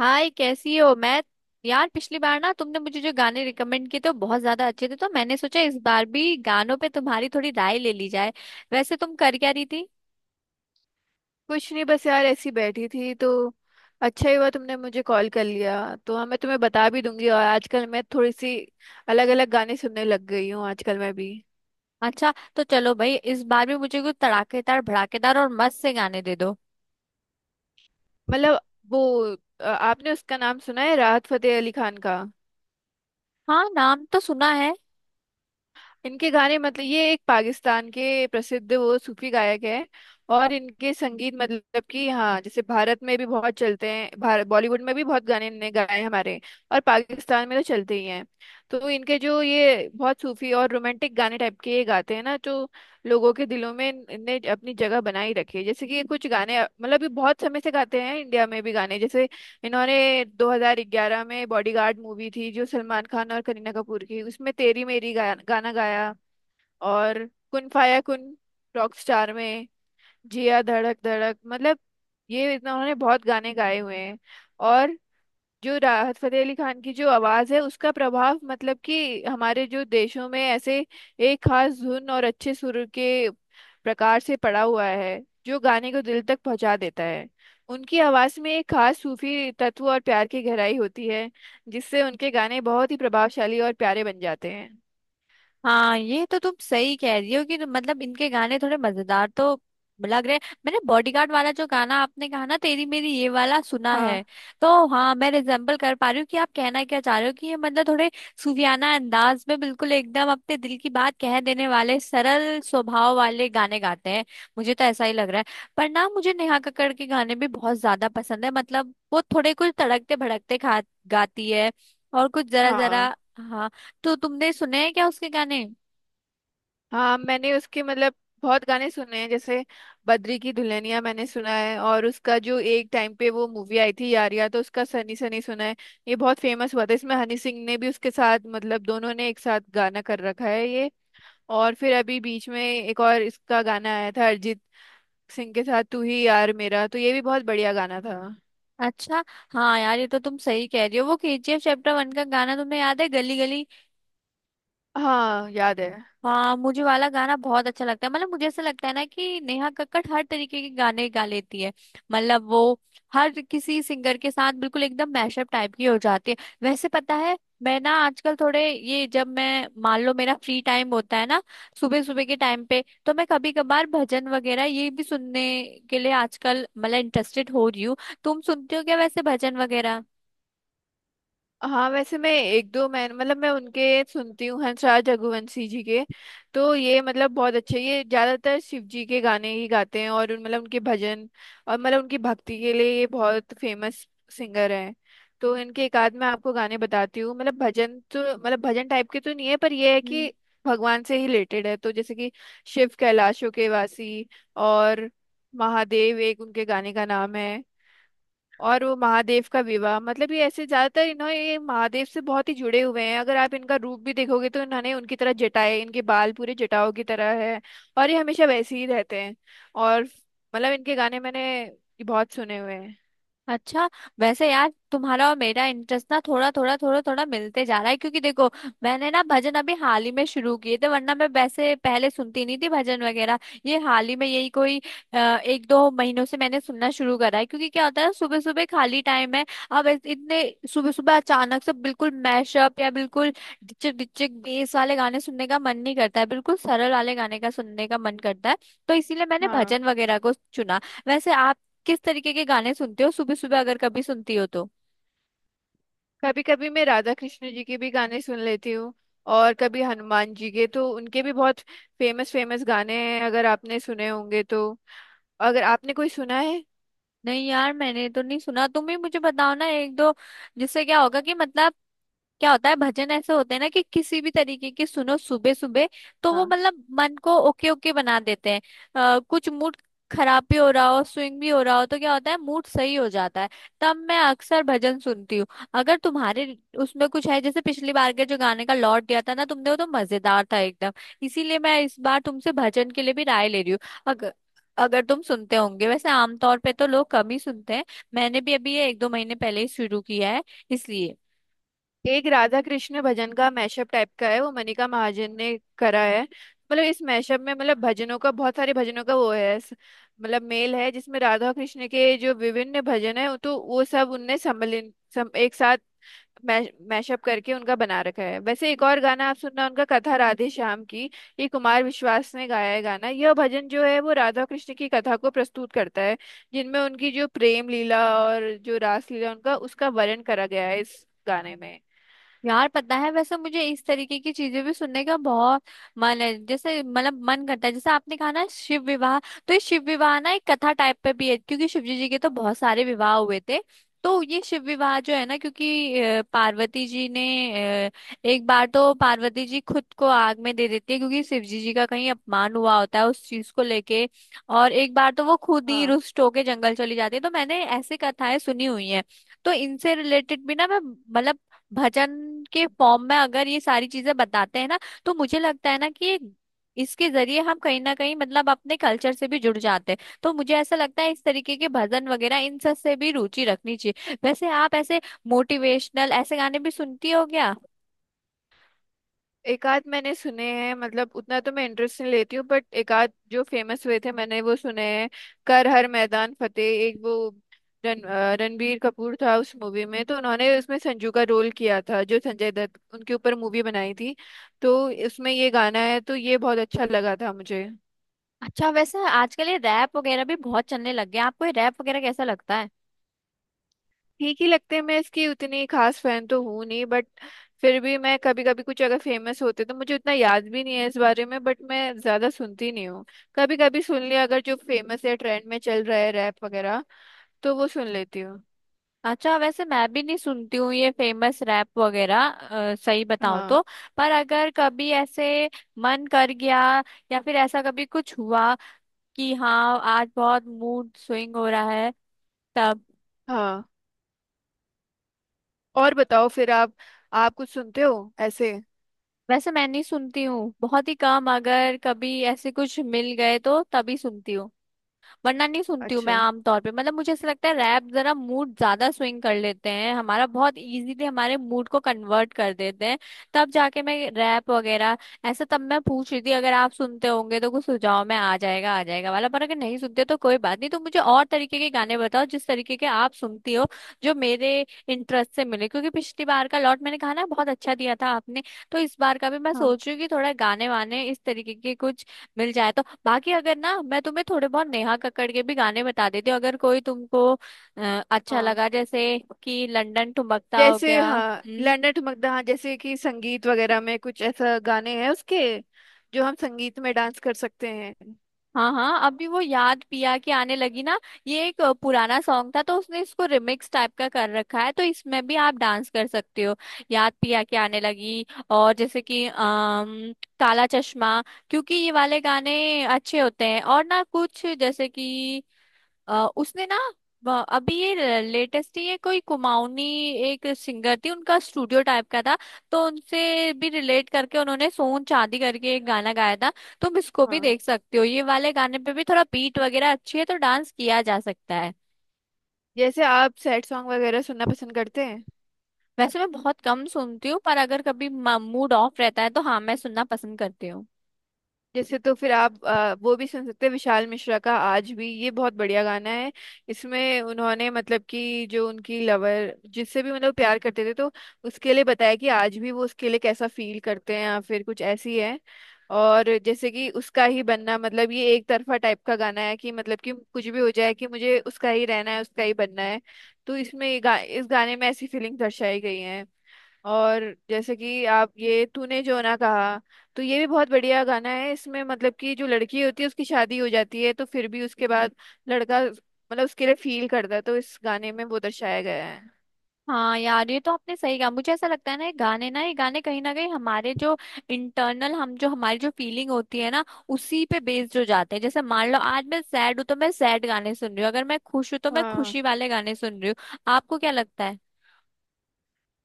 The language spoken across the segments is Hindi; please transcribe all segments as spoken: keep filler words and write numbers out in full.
हाय, कैसी हो। मैं यार, पिछली बार ना तुमने मुझे जो गाने रिकमेंड किए थे वो बहुत ज्यादा अच्छे थे, तो मैंने सोचा इस बार भी गानों पे तुम्हारी थोड़ी राय ले ली जाए। वैसे तुम कर क्या रही थी? कुछ नहीं, बस यार ऐसी बैठी थी तो अच्छा ही हुआ तुमने मुझे कॉल कर लिया। तो हाँ, मैं तुम्हें बता भी दूंगी। और आजकल मैं थोड़ी सी अलग अलग गाने सुनने लग गई हूँ आजकल मैं भी। अच्छा, तो चलो भाई, इस बार भी मुझे कुछ तड़ाकेदार भड़ाकेदार और मस्त से गाने दे दो। मतलब वो अ, आपने उसका नाम सुना है राहत फतेह अली खान का? हाँ, नाम तो सुना है। इनके गाने मतलब ये एक पाकिस्तान के प्रसिद्ध वो सूफी गायक है। और इनके संगीत मतलब कि हाँ, जैसे भारत में भी बहुत चलते हैं, भारत बॉलीवुड में भी बहुत गाने इनने गाए हैं हमारे, और पाकिस्तान में तो चलते ही हैं। तो इनके जो ये बहुत सूफी और रोमांटिक गाने टाइप के ये गाते हैं ना, तो लोगों के दिलों में इन- इनने अपनी जगह बनाई रखी है। जैसे कि ये कुछ गाने मतलब ये बहुत समय से गाते हैं इंडिया में भी गाने, जैसे इन्होंने दो हज़ार ग्यारह में बॉडीगार्ड मूवी थी जो सलमान खान और करीना कपूर की, उसमें तेरी मेरी गा, गाना गाया। और कुन फाया कुन रॉकस्टार में, जिया धड़क धड़क, मतलब ये इतना उन्होंने बहुत गाने गाए हुए हैं। और जो राहत फतेह अली खान की जो आवाज है उसका प्रभाव मतलब कि हमारे जो देशों में ऐसे एक खास धुन और अच्छे सुर के प्रकार से पड़ा हुआ है, जो गाने को दिल तक पहुंचा देता है। उनकी आवाज में एक खास सूफी तत्व और प्यार की गहराई होती है, जिससे उनके गाने बहुत ही प्रभावशाली और प्यारे बन जाते हैं। हाँ, ये तो तुम सही कह रही हो कि मतलब इनके गाने थोड़े मजेदार तो लग रहे हैं। मैंने बॉडीगार्ड वाला जो गाना आपने कहा ना, तेरी मेरी, ये वाला सुना हाँ, है। तो हाँ, मैं रिजेम्बल कर पा रही हूँ कि आप कहना क्या चाह रहे हो, कि ये मतलब थोड़े सूफियाना अंदाज में बिल्कुल एकदम अपने दिल की बात कह देने वाले सरल स्वभाव वाले गाने गाते हैं। मुझे तो ऐसा ही लग रहा है। पर ना, मुझे नेहा कक्कड़ के गाने भी बहुत ज्यादा पसंद है, मतलब वो थोड़े कुछ तड़कते भड़कते खा गाती है। और कुछ जरा जरा। हाँ, हाँ, तो तुमने सुने हैं क्या उसके गाने? हाँ, मैंने उसके मतलब बहुत गाने सुने हैं, जैसे बद्री की दुल्हनिया मैंने सुना है। और उसका जो एक टाइम पे वो मूवी आई थी यारिया, तो उसका सनी सनी सुना है। ये बहुत फेमस हुआ था, इसमें हनी सिंह ने भी उसके साथ मतलब दोनों ने एक साथ गाना कर रखा है ये। और फिर अभी बीच में एक और इसका गाना आया था अरिजीत सिंह के साथ तू ही यार मेरा, तो ये भी बहुत बढ़िया गाना था। अच्छा। हाँ यार, ये तो तुम सही कह रही हो। वो केजीएफ चैप्टर वन का गाना तुम्हें याद है, गली गली? हाँ, याद है। हाँ, मुझे वाला गाना बहुत अच्छा लगता है। मतलब मुझे ऐसा लगता है ना कि नेहा कक्कड़ हर तरीके के गाने गा लेती है। मतलब वो हर किसी सिंगर के साथ बिल्कुल एकदम मैशअप टाइप की हो जाती है। वैसे पता है, मैं ना आजकल थोड़े ये, जब मैं मान लो मेरा फ्री टाइम होता है ना, सुबह सुबह के टाइम पे, तो मैं कभी कभार भजन वगैरह ये भी सुनने के लिए आजकल मतलब इंटरेस्टेड हो रही हूँ। तुम सुनते हो क्या वैसे भजन वगैरह? हाँ, वैसे मैं एक दो, मैं मतलब मैं उनके सुनती हूँ हंसराज रघुवंशी जी के। तो ये मतलब बहुत अच्छे, ये ज्यादातर शिव जी के गाने ही गाते हैं, और उन- मतलब उनके भजन और मतलब उनकी भक्ति के लिए ये बहुत फेमस सिंगर हैं। तो इनके एक आध मैं आपको गाने बताती हूँ। मतलब भजन तो मतलब भजन टाइप के तो नहीं है, पर ये है हम्म कि भगवान से ही रिलेटेड है। तो जैसे कि शिव कैलाशों के वासी, और महादेव एक उनके गाने का नाम है। और वो महादेव का विवाह, मतलब ये ऐसे ज्यादातर इन्होंने, ये महादेव से बहुत ही जुड़े हुए हैं। अगर आप इनका रूप भी देखोगे तो इन्होंने उनकी तरह जटाएं, इनके बाल पूरे जटाओं की तरह है, और ये हमेशा वैसे ही रहते हैं। और मतलब इनके गाने मैंने बहुत सुने हुए हैं। अच्छा। वैसे यार, तुम्हारा और मेरा इंटरेस्ट ना थोड़ा थोड़ा थोड़ा थोड़ा मिलते जा रहा है, क्योंकि देखो, मैंने ना भजन अभी हाल ही में शुरू किए थे, वरना मैं वैसे पहले सुनती नहीं थी भजन वगैरह। ये हाल ही में, यही कोई अ, एक दो महीनों से मैंने सुनना शुरू करा है, क्योंकि क्या होता है, सुबह सुबह खाली टाइम है। अब इत- इतने सुबह सुबह अचानक से बिल्कुल मैशअप या बिल्कुल डिचक डिचक बेस वाले गाने सुनने का मन नहीं करता है, बिल्कुल सरल वाले गाने का सुनने का मन करता है। तो इसीलिए मैंने हाँ, भजन वगैरह को चुना। वैसे आप किस तरीके के गाने सुनते हो सुबह सुबह, अगर कभी सुनती हो तो? कभी कभी मैं राधा कृष्ण जी के भी गाने सुन लेती हूँ, और कभी हनुमान जी के, तो उनके भी बहुत फेमस फेमस गाने हैं। अगर आपने सुने होंगे तो, अगर आपने कोई सुना है? नहीं यार, मैंने तो नहीं सुना। तुम ही मुझे बताओ ना एक दो, जिससे क्या होगा कि मतलब, क्या होता है, भजन ऐसे होते हैं ना कि किसी भी तरीके के सुनो सुबह सुबह, तो वो हाँ, मतलब मन को ओके ओके बना देते हैं। अ, कुछ मूड खराब भी हो रहा हो, स्विंग भी हो रहा हो, तो क्या होता है, मूड सही हो जाता है। तब मैं अक्सर भजन सुनती हूँ। अगर तुम्हारे उसमें कुछ है, जैसे पिछली बार के जो गाने का लॉट दिया था ना तुमने, वो तो मजेदार था एकदम, इसीलिए मैं इस बार तुमसे भजन के लिए भी राय ले रही हूँ। अगर अगर तुम सुनते होंगे, वैसे आमतौर पे तो लोग कम ही सुनते हैं, मैंने भी अभी ये एक दो महीने पहले ही शुरू किया है, इसलिए। एक राधा कृष्ण भजन का मैशअप टाइप का है, वो मनिका महाजन ने करा है। मतलब इस मैशअप में मतलब भजनों का, बहुत सारे भजनों का वो है स- मतलब मेल है, जिसमें राधा कृष्ण के जो विभिन्न भजन है, तो वो सब उनने सम्मिलित सम, एक साथ मैशअप करके उनका बना रखा है। वैसे एक और गाना आप सुनना उनका, कथा राधे श्याम की, ये कुमार विश्वास ने गाया है गाना। यह भजन जो है वो राधा कृष्ण की कथा को प्रस्तुत करता है, जिनमें उनकी जो प्रेम लीला और जो रास लीला, उनका उसका वर्णन करा गया है इस गाने में। यार पता है, वैसे मुझे इस तरीके की चीजें भी सुनने का बहुत मन है। जैसे मतलब मन करता है, जैसे आपने कहा ना शिव विवाह, तो ये शिव विवाह ना एक कथा टाइप पे भी है, क्योंकि शिव जी जी के तो बहुत सारे विवाह हुए थे। तो ये शिव विवाह जो है ना, क्योंकि अ, पार्वती जी ने अ, एक बार तो पार्वती जी खुद को आग में दे देती है, क्योंकि शिव जी जी का कहीं अपमान हुआ होता है उस चीज को लेके। और एक बार तो वो खुद ही हाँ, रुष्ट होके जंगल चली जाती है, तो मैंने ऐसी कथाएं सुनी हुई हैं। तो इनसे रिलेटेड भी ना, मैं मतलब भजन के फॉर्म में अगर ये सारी चीजें बताते हैं ना, तो मुझे लगता है ना कि ये- इसके जरिए हम कहीं ना कहीं मतलब अपने कल्चर से भी जुड़ जाते हैं। तो मुझे ऐसा लगता है, इस तरीके के भजन वगैरह इन सब से भी रुचि रखनी चाहिए। वैसे आप ऐसे मोटिवेशनल ऐसे गाने भी सुनती हो क्या? एक आध मैंने सुने हैं। मतलब उतना तो मैं इंटरेस्ट नहीं लेती हूँ, बट एक आध जो फेमस हुए थे मैंने वो सुने हैं। कर हर मैदान फतेह, एक वो, रण अ, रणबीर कपूर था उस मूवी में, तो उन्होंने उसमें संजू का रोल किया था, जो संजय दत्त उनके ऊपर मूवी बनाई थी। तो इसमें ये गाना है, तो ये बहुत अच्छा लगा था मुझे। अच्छा, वैसे आजकल ये रैप वगैरह भी बहुत चलने लग गया, आपको ये रैप वगैरह कैसा लगता है? ठीक ही लगते हैं, मैं इसकी उतनी खास फैन तो हूँ नहीं, बट फिर भी मैं कभी कभी कुछ, अगर फेमस होते तो, मुझे उतना याद भी नहीं है इस बारे में, बट मैं ज्यादा सुनती नहीं हूँ। कभी कभी सुन लिया अगर जो फेमस है ट्रेंड में चल रहा है रैप वगैरह, तो वो सुन लेती हूँ। अच्छा, वैसे मैं भी नहीं सुनती हूँ ये फेमस रैप वगैरह, अ, सही बताऊं हाँ। तो। पर अगर कभी ऐसे मन कर गया, या फिर ऐसा कभी कुछ हुआ कि हाँ आज बहुत मूड स्विंग हो रहा है, तब। हाँ, और बताओ फिर आप आप कुछ सुनते हो ऐसे? वैसे मैं नहीं सुनती हूँ, बहुत ही कम, अगर कभी ऐसे कुछ मिल गए तो तभी सुनती हूँ, वरना नहीं सुनती हूँ मैं अच्छा। आमतौर पे। मतलब मुझे ऐसा लगता है, रैप जरा मूड ज्यादा स्विंग कर लेते हैं हमारा, बहुत इजीली हमारे मूड को कन्वर्ट कर देते हैं। तब जाके मैं रैप वगैरह ऐसा, तब मैं पूछ रही थी अगर आप सुनते होंगे तो कुछ सुझाव में आ जाएगा आ जाएगा वाला। पर अगर नहीं सुनते तो कोई बात नहीं, तो मुझे और तरीके के गाने बताओ जिस तरीके के आप सुनती हो, जो मेरे इंटरेस्ट से मिले, क्योंकि पिछली बार का लॉट मैंने कहा ना बहुत अच्छा दिया था आपने, तो इस बार का भी मैं हाँ, सोच रही हूँ कि थोड़ा गाने वाने इस तरीके के कुछ मिल जाए। तो बाकी अगर ना, मैं तुम्हें थोड़े बहुत नेहा कक्कड़ के भी गाने बता देती हूँ, अगर कोई तुमको अ, अच्छा हाँ, लगा, जैसे कि लंदन ठुमकता हो जैसे गया। हाँ, हम्म। लैंडर ठुमकदा, हाँ जैसे कि संगीत वगैरह में कुछ ऐसा गाने हैं उसके, जो हम संगीत में डांस कर सकते हैं। हाँ हाँ, अभी वो याद पिया के आने लगी ना, ये एक अ, पुराना सॉन्ग था, तो उसने इसको रिमिक्स टाइप का कर रखा है, तो इसमें भी आप डांस कर सकते हो, याद पिया के आने लगी। और जैसे कि अम, काला चश्मा, क्योंकि ये वाले गाने अच्छे होते हैं। और ना कुछ जैसे कि अ, उसने ना ब- अभी ये लेटेस्ट ही, ये कोई कुमाऊनी एक सिंगर थी, उनका स्टूडियो टाइप का था, तो उनसे भी रिलेट करके उन्होंने सोन चांदी करके एक गाना गाया था। तुम इसको भी हाँ, देख सकते हो, ये वाले गाने पे भी थोड़ा बीट वगैरह अच्छी है, तो डांस किया जा सकता है। जैसे आप सैड सॉन्ग वगैरह सुनना पसंद करते हैं? वैसे मैं बहुत कम सुनती हूँ, पर अगर कभी मूड ऑफ रहता है तो हाँ, मैं सुनना पसंद करती हूँ। जैसे तो फिर आप आ, वो भी सुन सकते हैं विशाल मिश्रा का आज भी, ये बहुत बढ़िया गाना है। इसमें उन्होंने मतलब कि जो उनकी लवर जिससे भी मतलब प्यार करते थे, तो उसके लिए बताया कि आज भी वो उसके लिए कैसा फील करते हैं, या फिर कुछ ऐसी है। और जैसे कि उसका ही बनना, मतलब ये एक तरफा टाइप का गाना है, कि मतलब कि कुछ भी हो जाए कि मुझे उसका ही रहना है, उसका ही बनना है। तो इसमें ये गा, इस गाने में ऐसी फीलिंग दर्शाई गई है। और जैसे कि आप ये तूने जो ना कहा, तो ये भी बहुत बढ़िया गाना है। इसमें मतलब कि जो लड़की होती है उसकी शादी हो जाती है, तो फिर भी उसके बाद लड़का मतलब उसके लिए फील करता है, तो इस गाने में वो दर्शाया गया है। हाँ यार, ये तो आपने सही कहा। मुझे ऐसा लगता है ना, ये गाने ना, ये गाने कहीं ना कहीं हमारे जो इंटरनल हम, जो हमारी जो फीलिंग होती है ना, उसी पे बेस्ड हो जाते हैं। जैसे मान लो आज मैं सैड हूँ तो मैं सैड गाने सुन रही हूँ, अगर मैं खुश हूँ तो मैं हाँ, खुशी वाले गाने सुन रही हूँ। आपको क्या लगता है?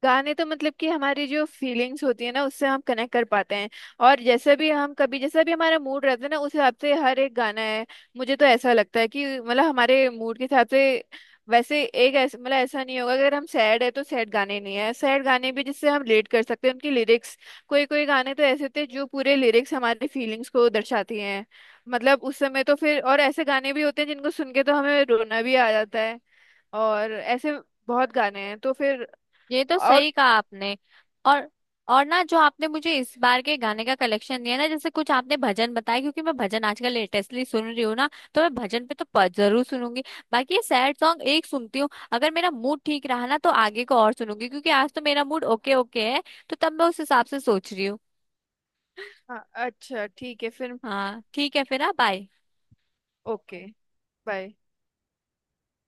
गाने तो मतलब कि हमारी जो फीलिंग्स होती है ना, उससे हम कनेक्ट कर पाते हैं। और जैसे भी हम, कभी जैसा भी हमारा मूड रहता है ना, उस हिसाब से हर एक गाना है। मुझे तो ऐसा लगता है कि मतलब हमारे मूड के हिसाब से, वैसे एक ऐसा मतलब ऐसा नहीं होगा अगर हम सैड है तो सैड गाने नहीं है, सैड गाने भी जिससे हम रिलेट कर सकते हैं उनकी लिरिक्स। कोई कोई गाने तो ऐसे होते हैं जो पूरे लिरिक्स हमारी फीलिंग्स को दर्शाती हैं, मतलब उस समय। तो फिर और ऐसे गाने भी होते हैं जिनको सुन के तो हमें रोना भी आ जाता है, और ऐसे बहुत गाने हैं तो फिर। ये तो और, सही कहा आपने। और और ना, जो आपने मुझे इस बार के गाने का कलेक्शन दिया ना, जैसे कुछ आपने भजन बताया, क्योंकि मैं भजन आजकल लेटेस्टली सुन रही हूँ ना, तो मैं भजन पे तो प- जरूर सुनूंगी। बाकी ये सैड सॉन्ग एक सुनती हूँ, अगर मेरा मूड ठीक रहा ना तो आगे को और सुनूंगी, क्योंकि आज तो मेरा मूड ओके ओके है, तो तब मैं उस हिसाब से सोच रही हूँ। हाँ, अच्छा ठीक है फिर। हाँ ठीक है फिर। हाँ, बाय। ओके। बाय।